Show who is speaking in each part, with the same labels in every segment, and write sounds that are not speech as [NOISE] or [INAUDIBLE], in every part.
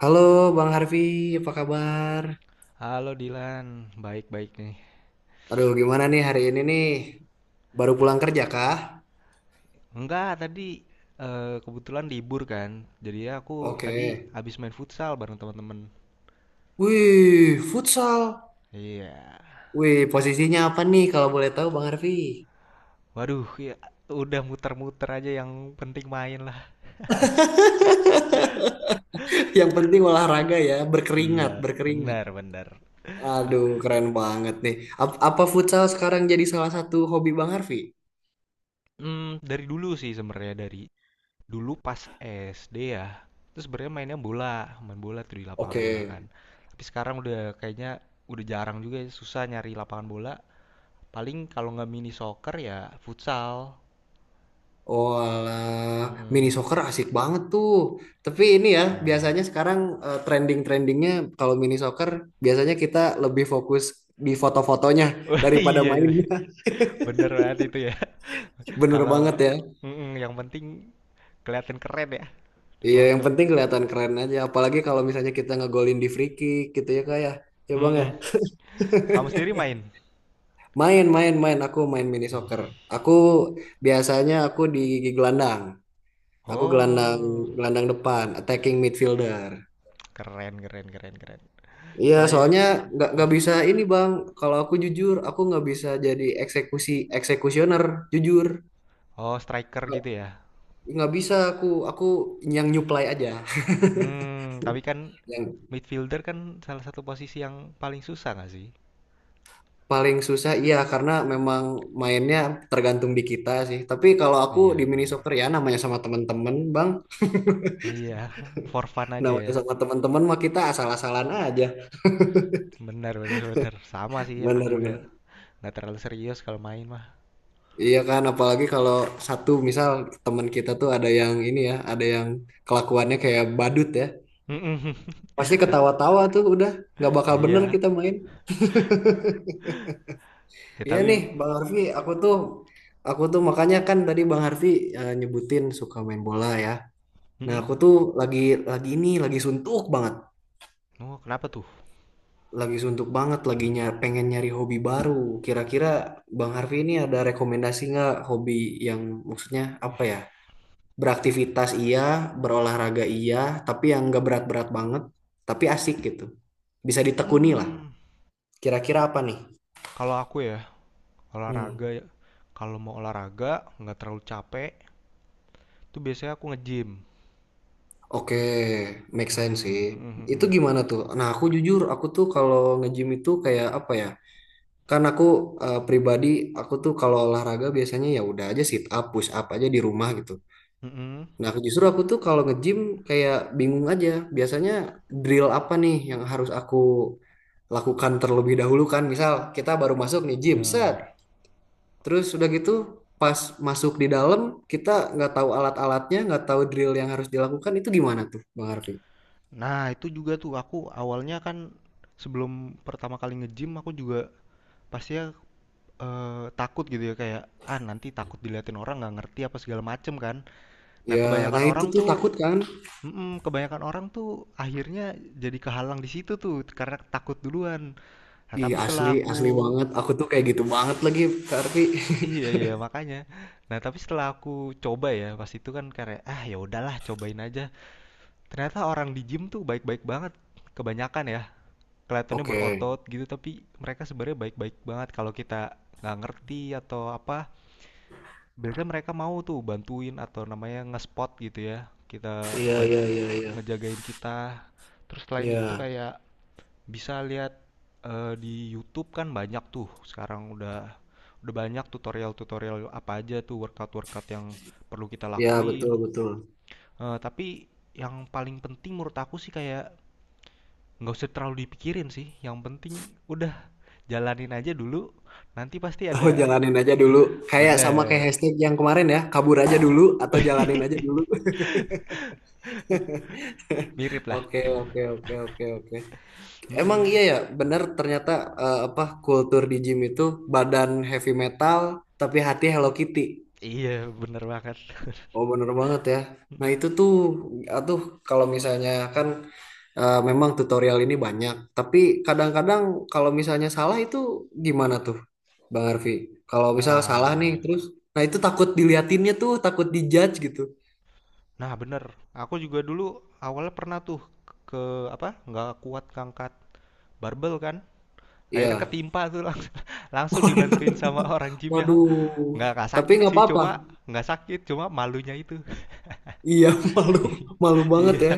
Speaker 1: Halo Bang Harvey, apa kabar?
Speaker 2: Halo Dilan, baik-baik nih.
Speaker 1: Aduh, gimana nih hari ini nih? Baru
Speaker 2: Ta-
Speaker 1: pulang kerja kah?
Speaker 2: Enggak, tadi kebetulan libur kan. Jadi ya aku tadi
Speaker 1: Oke.
Speaker 2: habis main futsal bareng teman-teman.
Speaker 1: Wih, futsal.
Speaker 2: Iya.
Speaker 1: Wih, posisinya apa nih kalau boleh tahu Bang Harvey?
Speaker 2: Waduh, ya, udah muter-muter aja yang penting main lah.
Speaker 1: [LAUGHS] Yang penting olahraga ya, berkeringat,
Speaker 2: Iya,
Speaker 1: berkeringat.
Speaker 2: benar, benar. Ka-
Speaker 1: Aduh, keren banget nih. Apa futsal sekarang jadi salah satu hobi Bang Harvey?
Speaker 2: dari dulu sih sebenarnya dari dulu pas SD ya. Terus sebenarnya mainnya bola, main bola tuh di lapangan bola
Speaker 1: Oke.
Speaker 2: kan. Tapi sekarang udah kayaknya udah jarang juga ya, susah nyari lapangan bola. Paling kalau nggak mini soccer ya futsal.
Speaker 1: Oh, alah. Mini
Speaker 2: Mm-mm.
Speaker 1: soccer asik banget tuh. Tapi ini ya,
Speaker 2: Iya.
Speaker 1: biasanya sekarang trending-trendingnya kalau mini soccer biasanya kita lebih fokus di foto-fotonya
Speaker 2: [LAUGHS] Wah,
Speaker 1: daripada
Speaker 2: iya itu.
Speaker 1: mainnya.
Speaker 2: Bener banget itu ya.
Speaker 1: [LAUGHS] Bener banget
Speaker 2: Kalau
Speaker 1: ya.
Speaker 2: mm-mm, yang penting kelihatan keren ya di
Speaker 1: Iya, yang
Speaker 2: foto.
Speaker 1: penting kelihatan keren aja. Apalagi kalau misalnya kita ngegolin di free kick gitu ya kayak. Ya ya, bang ya,
Speaker 2: Mm-mm. Kamu sendiri main?
Speaker 1: main main main. Aku main mini
Speaker 2: Wih.
Speaker 1: soccer. Aku biasanya aku di gelandang. Aku gelandang
Speaker 2: Oh,
Speaker 1: gelandang depan, attacking midfielder.
Speaker 2: keren, keren, keren, keren.
Speaker 1: Iya, soalnya
Speaker 2: Selain
Speaker 1: nggak bisa ini bang. Kalau aku jujur, aku nggak bisa jadi eksekusioner. Jujur,
Speaker 2: oh, striker
Speaker 1: nggak
Speaker 2: gitu ya.
Speaker 1: nggak bisa aku yang nyuplai aja.
Speaker 2: Tapi kan
Speaker 1: Yang
Speaker 2: midfielder kan salah satu posisi yang paling susah nggak sih?
Speaker 1: paling susah, iya karena memang mainnya tergantung di kita sih. Tapi kalau aku di
Speaker 2: Iya,
Speaker 1: mini
Speaker 2: bener.
Speaker 1: soccer ya namanya sama teman-teman bang,
Speaker 2: Iya, [LAUGHS] for fun
Speaker 1: [LAUGHS]
Speaker 2: aja ya.
Speaker 1: namanya sama teman-teman mah kita asal-asalan aja.
Speaker 2: Benar, benar, benar. Sama sih aku juga
Speaker 1: Bener-bener.
Speaker 2: nggak terlalu serius kalau main mah.
Speaker 1: Iya kan, apalagi kalau satu misal teman kita tuh ada yang ini ya, ada yang kelakuannya kayak badut ya. Pasti
Speaker 2: [LAUGHS]
Speaker 1: ketawa-tawa tuh udah nggak bakal bener
Speaker 2: Iya,
Speaker 1: kita main.
Speaker 2: ya,
Speaker 1: Iya
Speaker 2: tapi.
Speaker 1: nih Bang Harfi, aku tuh makanya kan tadi Bang Harfi nyebutin suka main bola ya. Nah
Speaker 2: Mhm.
Speaker 1: aku tuh lagi lagi ini lagi suntuk banget,
Speaker 2: Oh, kenapa tuh?
Speaker 1: lagi suntuk banget, pengen nyari hobi baru. Kira-kira Bang Harfi ini ada rekomendasi nggak hobi yang maksudnya apa
Speaker 2: Wih.
Speaker 1: ya? Beraktivitas iya, berolahraga iya, tapi yang nggak berat-berat banget, tapi asik gitu. Bisa ditekuni lah.
Speaker 2: Hmm,
Speaker 1: Kira-kira apa nih?
Speaker 2: Kalau aku ya, olahraga
Speaker 1: Hmm.
Speaker 2: ya. Kalau mau olahraga, nggak terlalu capek, tuh biasanya aku nge-gym.
Speaker 1: Oke, make sense
Speaker 2: Hmm,
Speaker 1: sih.
Speaker 2: mhm,
Speaker 1: Itu
Speaker 2: mhm.
Speaker 1: gimana tuh? Nah, aku jujur, aku tuh kalau nge-gym itu kayak apa ya? Kan aku pribadi, aku tuh kalau olahraga biasanya ya udah aja sit up, push up aja di rumah gitu.
Speaker 2: Mhm,
Speaker 1: Nah, aku justru aku tuh kalau nge-gym kayak bingung aja. Biasanya drill apa nih yang harus aku lakukan terlebih dahulu kan? Misal kita baru masuk nih gym, set.
Speaker 2: benar.
Speaker 1: Terus udah gitu pas masuk di dalam kita nggak tahu alat-alatnya, nggak tahu drill yang harus dilakukan itu gimana tuh, Bang Harvey?
Speaker 2: Nah, itu juga tuh aku awalnya kan sebelum pertama kali nge-gym aku juga pastinya takut gitu ya kayak ah nanti takut diliatin orang nggak ngerti apa segala macem kan. Nah,
Speaker 1: Ya,
Speaker 2: kebanyakan
Speaker 1: nah itu
Speaker 2: orang
Speaker 1: tuh
Speaker 2: tuh.
Speaker 1: takut kan?
Speaker 2: Mhm. Kebanyakan orang tuh akhirnya jadi kehalang di situ tuh karena takut duluan. Nah,
Speaker 1: Ih,
Speaker 2: tapi
Speaker 1: asli,
Speaker 2: setelah aku.
Speaker 1: asli banget. Aku tuh kayak gitu banget lagi, Kak Arfi. [LAUGHS]
Speaker 2: Iya, iya, makanya. Nah, tapi setelah aku coba ya pas itu kan kayak ah ya udahlah cobain aja. Ternyata orang di gym tuh baik-baik banget kebanyakan ya. Kelihatannya
Speaker 1: Oke.
Speaker 2: berotot gitu tapi mereka sebenarnya baik-baik banget kalau kita nggak ngerti atau apa. Biasanya mereka mau tuh bantuin atau namanya nge-spot gitu ya. Kita
Speaker 1: Iya,
Speaker 2: ban
Speaker 1: iya, iya, iya.
Speaker 2: Ngejagain kita. Terus selain itu
Speaker 1: Iya,
Speaker 2: kayak bisa lihat di YouTube kan banyak tuh sekarang udah banyak tutorial-tutorial apa aja tuh workout-workout yang perlu kita
Speaker 1: iya
Speaker 2: lakuin.
Speaker 1: betul, betul.
Speaker 2: Eh, tapi yang paling penting menurut aku sih kayak nggak usah terlalu dipikirin sih. Yang penting udah jalanin aja dulu. Nanti pasti
Speaker 1: Oh,
Speaker 2: ada.
Speaker 1: jalanin aja dulu. Kayak sama kayak
Speaker 2: Bener.
Speaker 1: hashtag yang kemarin ya, kabur aja dulu atau jalanin aja dulu. [LAUGHS]
Speaker 2: [LAUGHS] Mirip lah.
Speaker 1: Oke, oke, oke, oke, oke. Emang iya
Speaker 2: Mm-mm.
Speaker 1: ya, benar ternyata apa kultur di gym itu badan heavy metal tapi hati Hello Kitty.
Speaker 2: Iya, bener banget.
Speaker 1: Oh, bener banget ya.
Speaker 2: [LAUGHS]
Speaker 1: Nah,
Speaker 2: Mm-mm.
Speaker 1: itu tuh atuh kalau misalnya kan memang tutorial ini banyak, tapi kadang-kadang kalau misalnya salah itu gimana tuh, Bang Arfi? Kalau misal
Speaker 2: Nah,
Speaker 1: salah
Speaker 2: iya
Speaker 1: nih,
Speaker 2: ya.
Speaker 1: terus, nah itu takut diliatinnya tuh, takut dijudge gitu.
Speaker 2: Nah, bener. Aku juga dulu awalnya pernah tuh ke apa? Nggak kuat ngangkat barbel kan. Akhirnya
Speaker 1: Iya,
Speaker 2: ketimpa tuh langsung, [LAUGHS] langsung dibantuin sama orang gymnya.
Speaker 1: waduh,
Speaker 2: Nggak
Speaker 1: tapi
Speaker 2: sakit
Speaker 1: nggak
Speaker 2: sih, cuma
Speaker 1: apa-apa.
Speaker 2: nggak sakit, cuma malunya itu.
Speaker 1: Iya, [LAUGHS] malu,
Speaker 2: [LAUGHS]
Speaker 1: malu banget
Speaker 2: Iya,
Speaker 1: ya.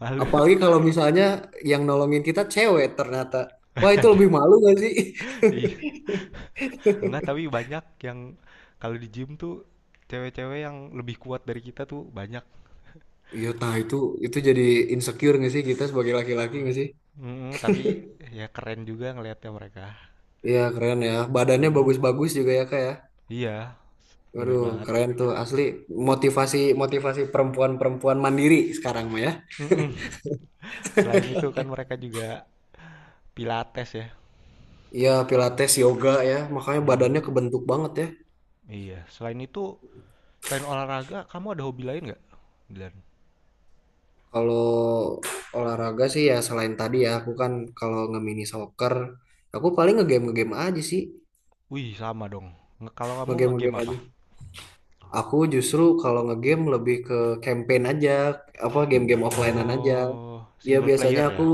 Speaker 2: malu.
Speaker 1: Apalagi kalau misalnya yang nolongin kita cewek ternyata. Wah,
Speaker 2: [LAUGHS]
Speaker 1: itu
Speaker 2: Aduh,
Speaker 1: lebih malu gak sih?
Speaker 2: iya.
Speaker 1: [LAUGHS]
Speaker 2: Enggak, tapi banyak yang kalau di gym tuh cewek-cewek yang lebih kuat dari kita tuh banyak.
Speaker 1: Iya, nah itu jadi insecure gak sih kita sebagai laki-laki gak sih?
Speaker 2: Tapi ya keren juga ngelihatnya mereka.
Speaker 1: Iya, keren ya. Badannya
Speaker 2: Mm,
Speaker 1: bagus-bagus juga ya, Kak ya.
Speaker 2: iya, bener
Speaker 1: Waduh,
Speaker 2: banget.
Speaker 1: keren tuh asli motivasi motivasi perempuan-perempuan mandiri sekarang mah ya.
Speaker 2: Mm-mm. Selain itu kan mereka juga pilates ya.
Speaker 1: Iya, pilates, yoga ya, makanya
Speaker 2: Hmm,
Speaker 1: badannya kebentuk banget ya.
Speaker 2: iya. Selain itu, selain olahraga, kamu ada hobi lain nggak, Dilan?
Speaker 1: Kalau olahraga sih ya selain tadi ya, aku kan kalau nge-mini soccer, aku paling nge-game nge-game aja sih,
Speaker 2: Wih, sama dong. Kalau kamu
Speaker 1: nge-game
Speaker 2: ngegame
Speaker 1: nge-game
Speaker 2: apa?
Speaker 1: aja. Aku justru kalau nge-game lebih ke campaign aja, apa game-game offline-an aja.
Speaker 2: Oh,
Speaker 1: Ya
Speaker 2: single
Speaker 1: biasanya
Speaker 2: player
Speaker 1: aku
Speaker 2: ya.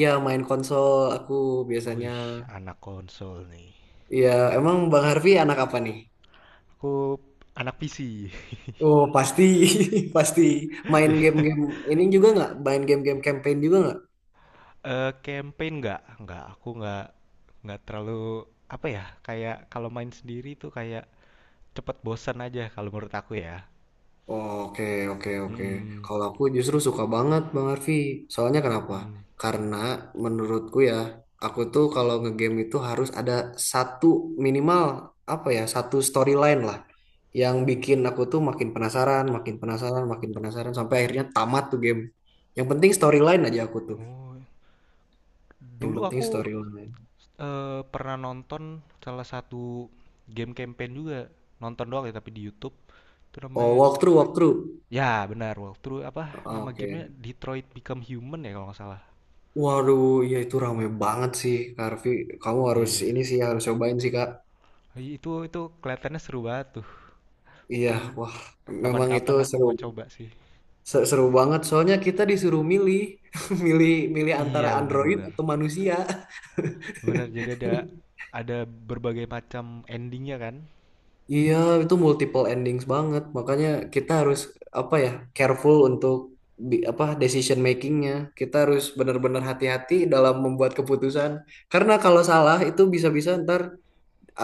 Speaker 1: ya main konsol, aku biasanya.
Speaker 2: Wih, anak konsol nih.
Speaker 1: Ya, emang Bang Harvey anak apa nih?
Speaker 2: Aku anak PC.
Speaker 1: Oh pasti [LAUGHS] pasti main
Speaker 2: [LAUGHS]
Speaker 1: game-game ini juga, nggak main game-game campaign juga nggak.
Speaker 2: Eh, campaign nggak? Nggak, aku nggak terlalu apa ya? Kayak kalau main sendiri tuh kayak cepet bosan aja kalau menurut aku ya.
Speaker 1: Oke, oke, oke.
Speaker 2: Hmm.
Speaker 1: Kalau aku justru suka banget Bang Arfi. Soalnya kenapa,
Speaker 2: Mm.
Speaker 1: karena menurutku ya, aku tuh kalau ngegame itu harus ada satu, minimal apa ya, satu storyline lah yang bikin
Speaker 2: Hmm.
Speaker 1: aku tuh makin penasaran makin penasaran makin penasaran sampai akhirnya tamat tuh game. Yang penting storyline aja aku tuh.
Speaker 2: Oh,
Speaker 1: Yang
Speaker 2: dulu
Speaker 1: penting
Speaker 2: aku
Speaker 1: storyline.
Speaker 2: pernah nonton salah satu game campaign juga. Nonton doang ya tapi di YouTube. Itu
Speaker 1: Oh,
Speaker 2: namanya.
Speaker 1: walkthrough, walkthrough.
Speaker 2: Ya, benar, walkthrough. Apa nama gamenya?
Speaker 1: Oke.
Speaker 2: Detroit Become Human ya kalau nggak salah.
Speaker 1: Waduh, ya itu rame banget sih, Kak Arfi. Kamu
Speaker 2: Iya,
Speaker 1: harus
Speaker 2: iya.
Speaker 1: ini sih, harus cobain sih, Kak.
Speaker 2: Iya, itu kelihatannya seru banget tuh.
Speaker 1: Iya,
Speaker 2: Mungkin
Speaker 1: wah, memang itu
Speaker 2: kapan-kapan aku
Speaker 1: seru,
Speaker 2: mau coba sih.
Speaker 1: seru banget. Soalnya kita disuruh milih, [LAUGHS] milih, milih antara
Speaker 2: Iya,
Speaker 1: android
Speaker 2: benar-benar.
Speaker 1: atau manusia.
Speaker 2: Benar, jadi ada
Speaker 1: [LAUGHS]
Speaker 2: ada berbagai macam endingnya kan.
Speaker 1: Iya, itu multiple endings banget. Makanya kita harus apa ya, careful untuk apa decision makingnya. Kita harus benar-benar hati-hati dalam membuat keputusan. Karena kalau salah itu bisa-bisa ntar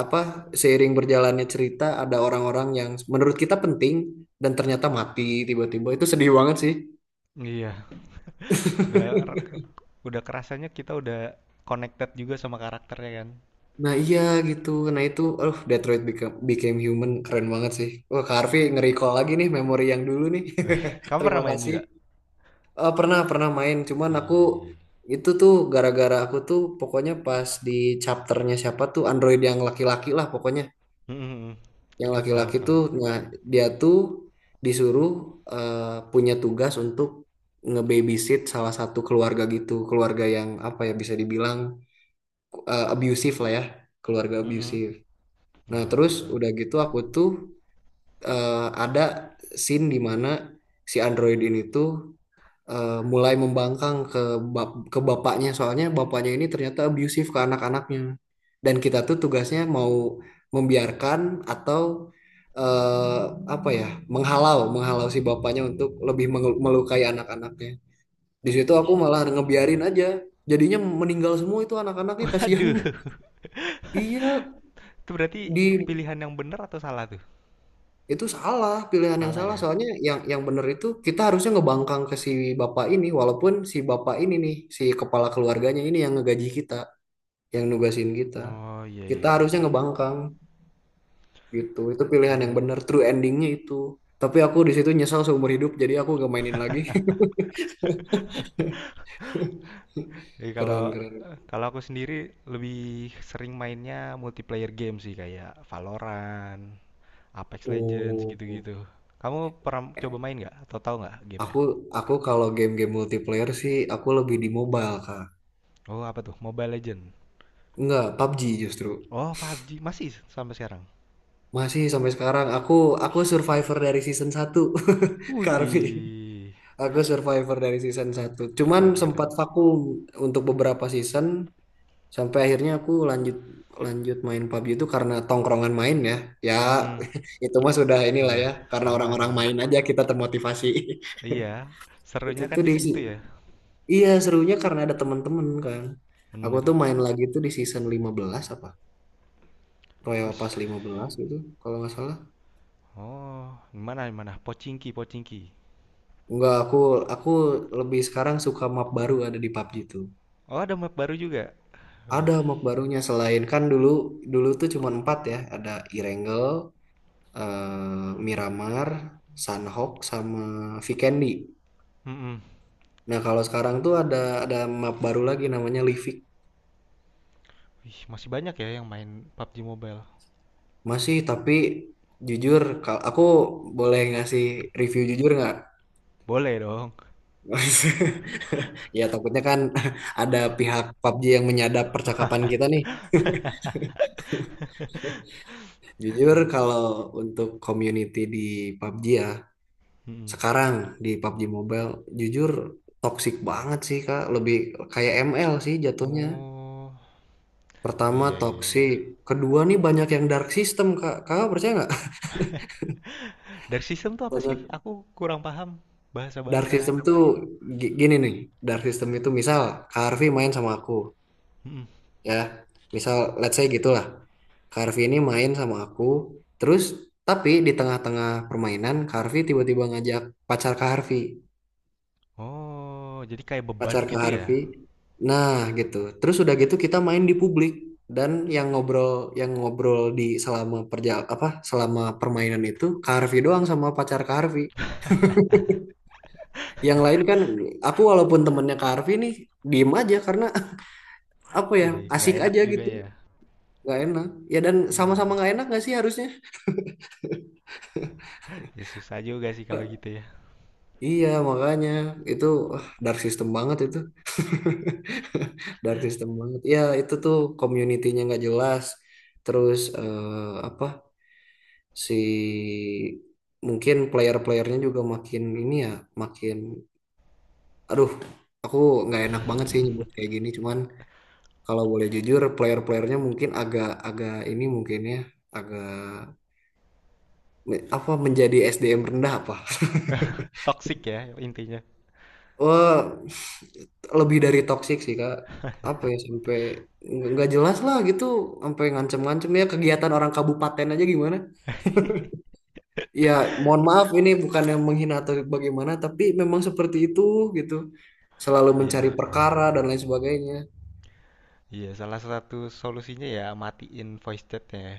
Speaker 1: apa seiring berjalannya cerita ada orang-orang yang menurut kita penting dan ternyata mati tiba-tiba itu sedih banget sih.
Speaker 2: Iya, udah udah kerasanya kita udah connected juga sama karakternya kan.
Speaker 1: Nah iya, gitu. Nah itu, oh Detroit Become, Became Human keren banget sih. Wah Kak Harvey nge-recall lagi nih memori yang dulu nih.
Speaker 2: Wih,
Speaker 1: [LAUGHS]
Speaker 2: kamu
Speaker 1: Terima
Speaker 2: pernah main
Speaker 1: kasih.
Speaker 2: juga?
Speaker 1: Eh, pernah pernah main cuman aku
Speaker 2: Wih.
Speaker 1: itu tuh gara-gara aku tuh pokoknya pas di chapternya siapa tuh android yang laki-laki lah pokoknya.
Speaker 2: Mm, mm,
Speaker 1: Yang
Speaker 2: tahu,
Speaker 1: laki-laki
Speaker 2: tahu.
Speaker 1: tuh nah dia tuh disuruh punya tugas untuk ngebabysit salah satu keluarga gitu, keluarga yang apa ya bisa dibilang abusive lah ya, keluarga
Speaker 2: Mm, mm.
Speaker 1: abusive. Nah, terus
Speaker 2: Walah.
Speaker 1: udah gitu aku tuh eh, ada scene di mana si android ini tuh mulai membangkang ke bapaknya soalnya bapaknya ini ternyata abusive ke anak-anaknya dan kita tuh tugasnya mau membiarkan atau eh, apa ya menghalau menghalau si bapaknya untuk lebih melukai anak-anaknya. Di situ aku malah
Speaker 2: Iya,
Speaker 1: ngebiarin
Speaker 2: iya.
Speaker 1: aja, jadinya meninggal semua itu anak-anaknya kasihan.
Speaker 2: Waduh.
Speaker 1: [LAUGHS] Iya,
Speaker 2: [LAUGHS] Itu berarti
Speaker 1: di
Speaker 2: pilihan yang benar atau salah tuh?
Speaker 1: Itu salah, pilihan yang
Speaker 2: Salah
Speaker 1: salah.
Speaker 2: ya?
Speaker 1: Soalnya yang bener itu kita harusnya ngebangkang ke si bapak ini, walaupun si bapak ini nih, si kepala keluarganya ini yang ngegaji kita, yang nugasin kita.
Speaker 2: Oh, iya,
Speaker 1: Kita
Speaker 2: iya,
Speaker 1: harusnya
Speaker 2: iya.
Speaker 1: ngebangkang gitu. Itu pilihan yang
Speaker 2: Mm-mm.
Speaker 1: bener, true endingnya itu. Tapi aku di situ nyesal seumur hidup, jadi aku gak mainin lagi. [LAUGHS]
Speaker 2: Jadi kalau
Speaker 1: Keren, keren.
Speaker 2: kalau aku sendiri lebih sering mainnya multiplayer game sih kayak Valorant, Apex Legends
Speaker 1: Oh,
Speaker 2: gitu-gitu. Kamu pernah coba main nggak atau tahu nggak gamenya?
Speaker 1: aku aku kalau game-game multiplayer sih aku lebih di mobile, Kak.
Speaker 2: Oh, apa tuh? Mobile Legend.
Speaker 1: Enggak, PUBG justru.
Speaker 2: Oh, PUBG masih sampai sekarang.
Speaker 1: Masih sampai sekarang aku
Speaker 2: Wih,
Speaker 1: aku survivor dari season 1. [LAUGHS]
Speaker 2: wih
Speaker 1: Karvi.
Speaker 2: deh.
Speaker 1: Aku survivor dari season satu. Cuman
Speaker 2: Keren,
Speaker 1: sempat
Speaker 2: keren.
Speaker 1: vakum untuk beberapa season sampai akhirnya aku lanjut lanjut main PUBG itu karena tongkrongan main ya. Ya
Speaker 2: Mhm,
Speaker 1: [LAUGHS] itu mah sudah inilah
Speaker 2: iya,
Speaker 1: ya karena
Speaker 2: sama
Speaker 1: orang-orang
Speaker 2: sama.
Speaker 1: main aja kita termotivasi.
Speaker 2: Iya,
Speaker 1: [LAUGHS] Itu
Speaker 2: serunya kan
Speaker 1: tuh
Speaker 2: di
Speaker 1: di si,
Speaker 2: situ ya,
Speaker 1: iya serunya karena ada teman-teman kan. Aku
Speaker 2: bener.
Speaker 1: tuh main lagi tuh di season 15 apa? Royal
Speaker 2: Wis,
Speaker 1: Pass lima belas gitu kalau nggak salah.
Speaker 2: oh, gimana, gimana? Pochinki, Pochinki.
Speaker 1: Enggak, aku lebih sekarang suka map baru ada di PUBG tuh.
Speaker 2: Oh, ada map baru juga. Wih,
Speaker 1: Ada map barunya selain kan dulu dulu tuh cuma empat ya, ada Erangel, Miramar, Sunhawk, sama Vikendi.
Speaker 2: mhm.
Speaker 1: Nah kalau sekarang tuh ada map baru lagi namanya Livik.
Speaker 2: Wih, masih banyak ya yang main PUBG Mobile.
Speaker 1: Masih tapi jujur, kalau aku boleh ngasih review jujur nggak?
Speaker 2: Boleh dong.
Speaker 1: [LAUGHS] Ya takutnya kan [LAUGHS] ada pihak PUBG yang menyadap percakapan kita nih.
Speaker 2: [LAUGHS]
Speaker 1: Jujur
Speaker 2: Mhm.
Speaker 1: kalau untuk community di PUBG ya,
Speaker 2: Mhm.
Speaker 1: sekarang di PUBG Mobile, jujur toksik banget sih Kak. Lebih kayak ML sih jatuhnya.
Speaker 2: Oh,
Speaker 1: Pertama
Speaker 2: iya, iya, iya.
Speaker 1: toksik, kedua nih banyak yang dark system Kak. Kakak percaya nggak?
Speaker 2: Dari sistem tuh
Speaker 1: [LAUGHS]
Speaker 2: apa sih?
Speaker 1: Banyak
Speaker 2: Aku kurang paham
Speaker 1: dark
Speaker 2: bahasa-bahasa.
Speaker 1: system tuh gini nih, dark system itu misal Kak Harvey main sama aku
Speaker 2: Mhm.
Speaker 1: ya. Misal let's say gitulah. Kak Harvey ini main sama aku, terus tapi di tengah-tengah permainan Kak Harvey tiba-tiba ngajak pacar Kak Harvey.
Speaker 2: Oh, jadi kayak beban
Speaker 1: Pacar ke
Speaker 2: gitu
Speaker 1: Harvey.
Speaker 2: ya?
Speaker 1: Nah, gitu. Terus udah gitu kita main di publik dan yang ngobrol yang ngobrol di selama apa selama permainan itu ke Harvey doang sama pacar ke Harvey. Yang lain kan aku walaupun temennya ke Harvey nih diem aja karena [LAUGHS] apa ya
Speaker 2: Nggak nggak
Speaker 1: asik
Speaker 2: enak
Speaker 1: aja
Speaker 2: juga
Speaker 1: gitu.
Speaker 2: ya.
Speaker 1: Gak enak. Ya dan sama-sama
Speaker 2: Hmm.
Speaker 1: gak enak gak sih harusnya?
Speaker 2: Ya susah juga sih kalau gitu ya.
Speaker 1: Iya makanya itu wah, dark system banget itu. [LAUGHS] Dark system banget. Ya itu tuh community-nya nggak jelas. Terus apa si mungkin player-playernya juga makin ini ya makin aduh aku nggak enak banget sih nyebut kayak
Speaker 2: [LAUGHS]
Speaker 1: gini cuman kalau boleh jujur player-playernya mungkin agak agak ini mungkin ya agak apa menjadi SDM rendah apa. [LAUGHS]
Speaker 2: Toxic ya, intinya.
Speaker 1: Wah, lebih dari toksik sih kak apa ya sampai nggak jelas lah gitu sampai ngancem-ngancem ya kegiatan orang kabupaten aja gimana.
Speaker 2: [LAUGHS]
Speaker 1: Ya, mohon maaf ini bukan yang menghina atau bagaimana, tapi memang seperti itu gitu. Selalu
Speaker 2: Iya,
Speaker 1: mencari
Speaker 2: iya,
Speaker 1: perkara dan lain sebagainya.
Speaker 2: iya, salah satu solusinya ya matiin voice chat ya.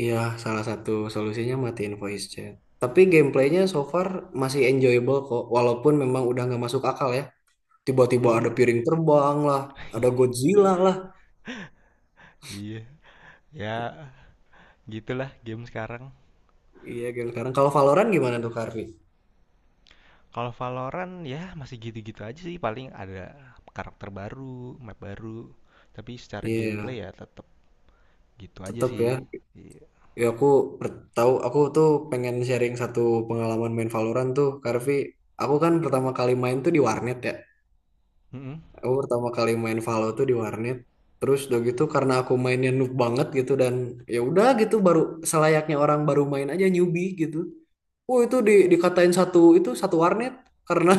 Speaker 1: Iya, salah satu solusinya matiin voice chat. Tapi gameplaynya so far masih enjoyable kok, walaupun memang udah nggak masuk akal ya. Tiba-tiba ada piring terbang lah, ada
Speaker 2: [LAUGHS]
Speaker 1: Godzilla lah.
Speaker 2: Iya ya, gitulah game sekarang.
Speaker 1: Iya, game sekarang. Kalau Valorant gimana tuh, Karvi?
Speaker 2: Kalau Valorant ya masih gitu-gitu aja sih paling ada karakter baru, map baru. Tapi secara
Speaker 1: Iya,
Speaker 2: gameplay ya tetap gitu aja
Speaker 1: tetep
Speaker 2: sih.
Speaker 1: ya.
Speaker 2: Iya.
Speaker 1: Ya aku tahu aku tuh pengen sharing satu pengalaman main Valorant tuh, Karvi. Aku kan pertama kali main tuh di warnet ya.
Speaker 2: Mm-mm.
Speaker 1: Aku pertama kali main Valo tuh di warnet. Terus udah gitu karena aku mainnya noob banget gitu dan ya udah gitu baru selayaknya orang baru main aja newbie gitu. Oh itu di, dikatain satu itu satu warnet karena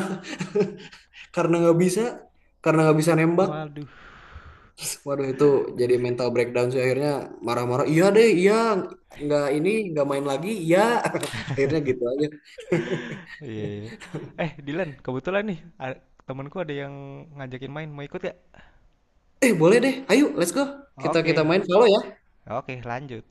Speaker 1: [LAUGHS] karena nggak bisa karena nggak bisa nembak.
Speaker 2: Waduh.
Speaker 1: Waduh itu jadi
Speaker 2: Aduh.
Speaker 1: mental breakdown sih akhirnya marah-marah. Iya deh, iya nggak ini nggak main lagi. Iya [LAUGHS] akhirnya gitu aja. [LAUGHS]
Speaker 2: Iya, iya. Eh, Dilan, kebetulan nih, temanku ada yang ngajakin main, mau ikut gak?
Speaker 1: Eh boleh deh, ayo let's go kita kita
Speaker 2: Oke,
Speaker 1: main Valo ya.
Speaker 2: oke, lanjut.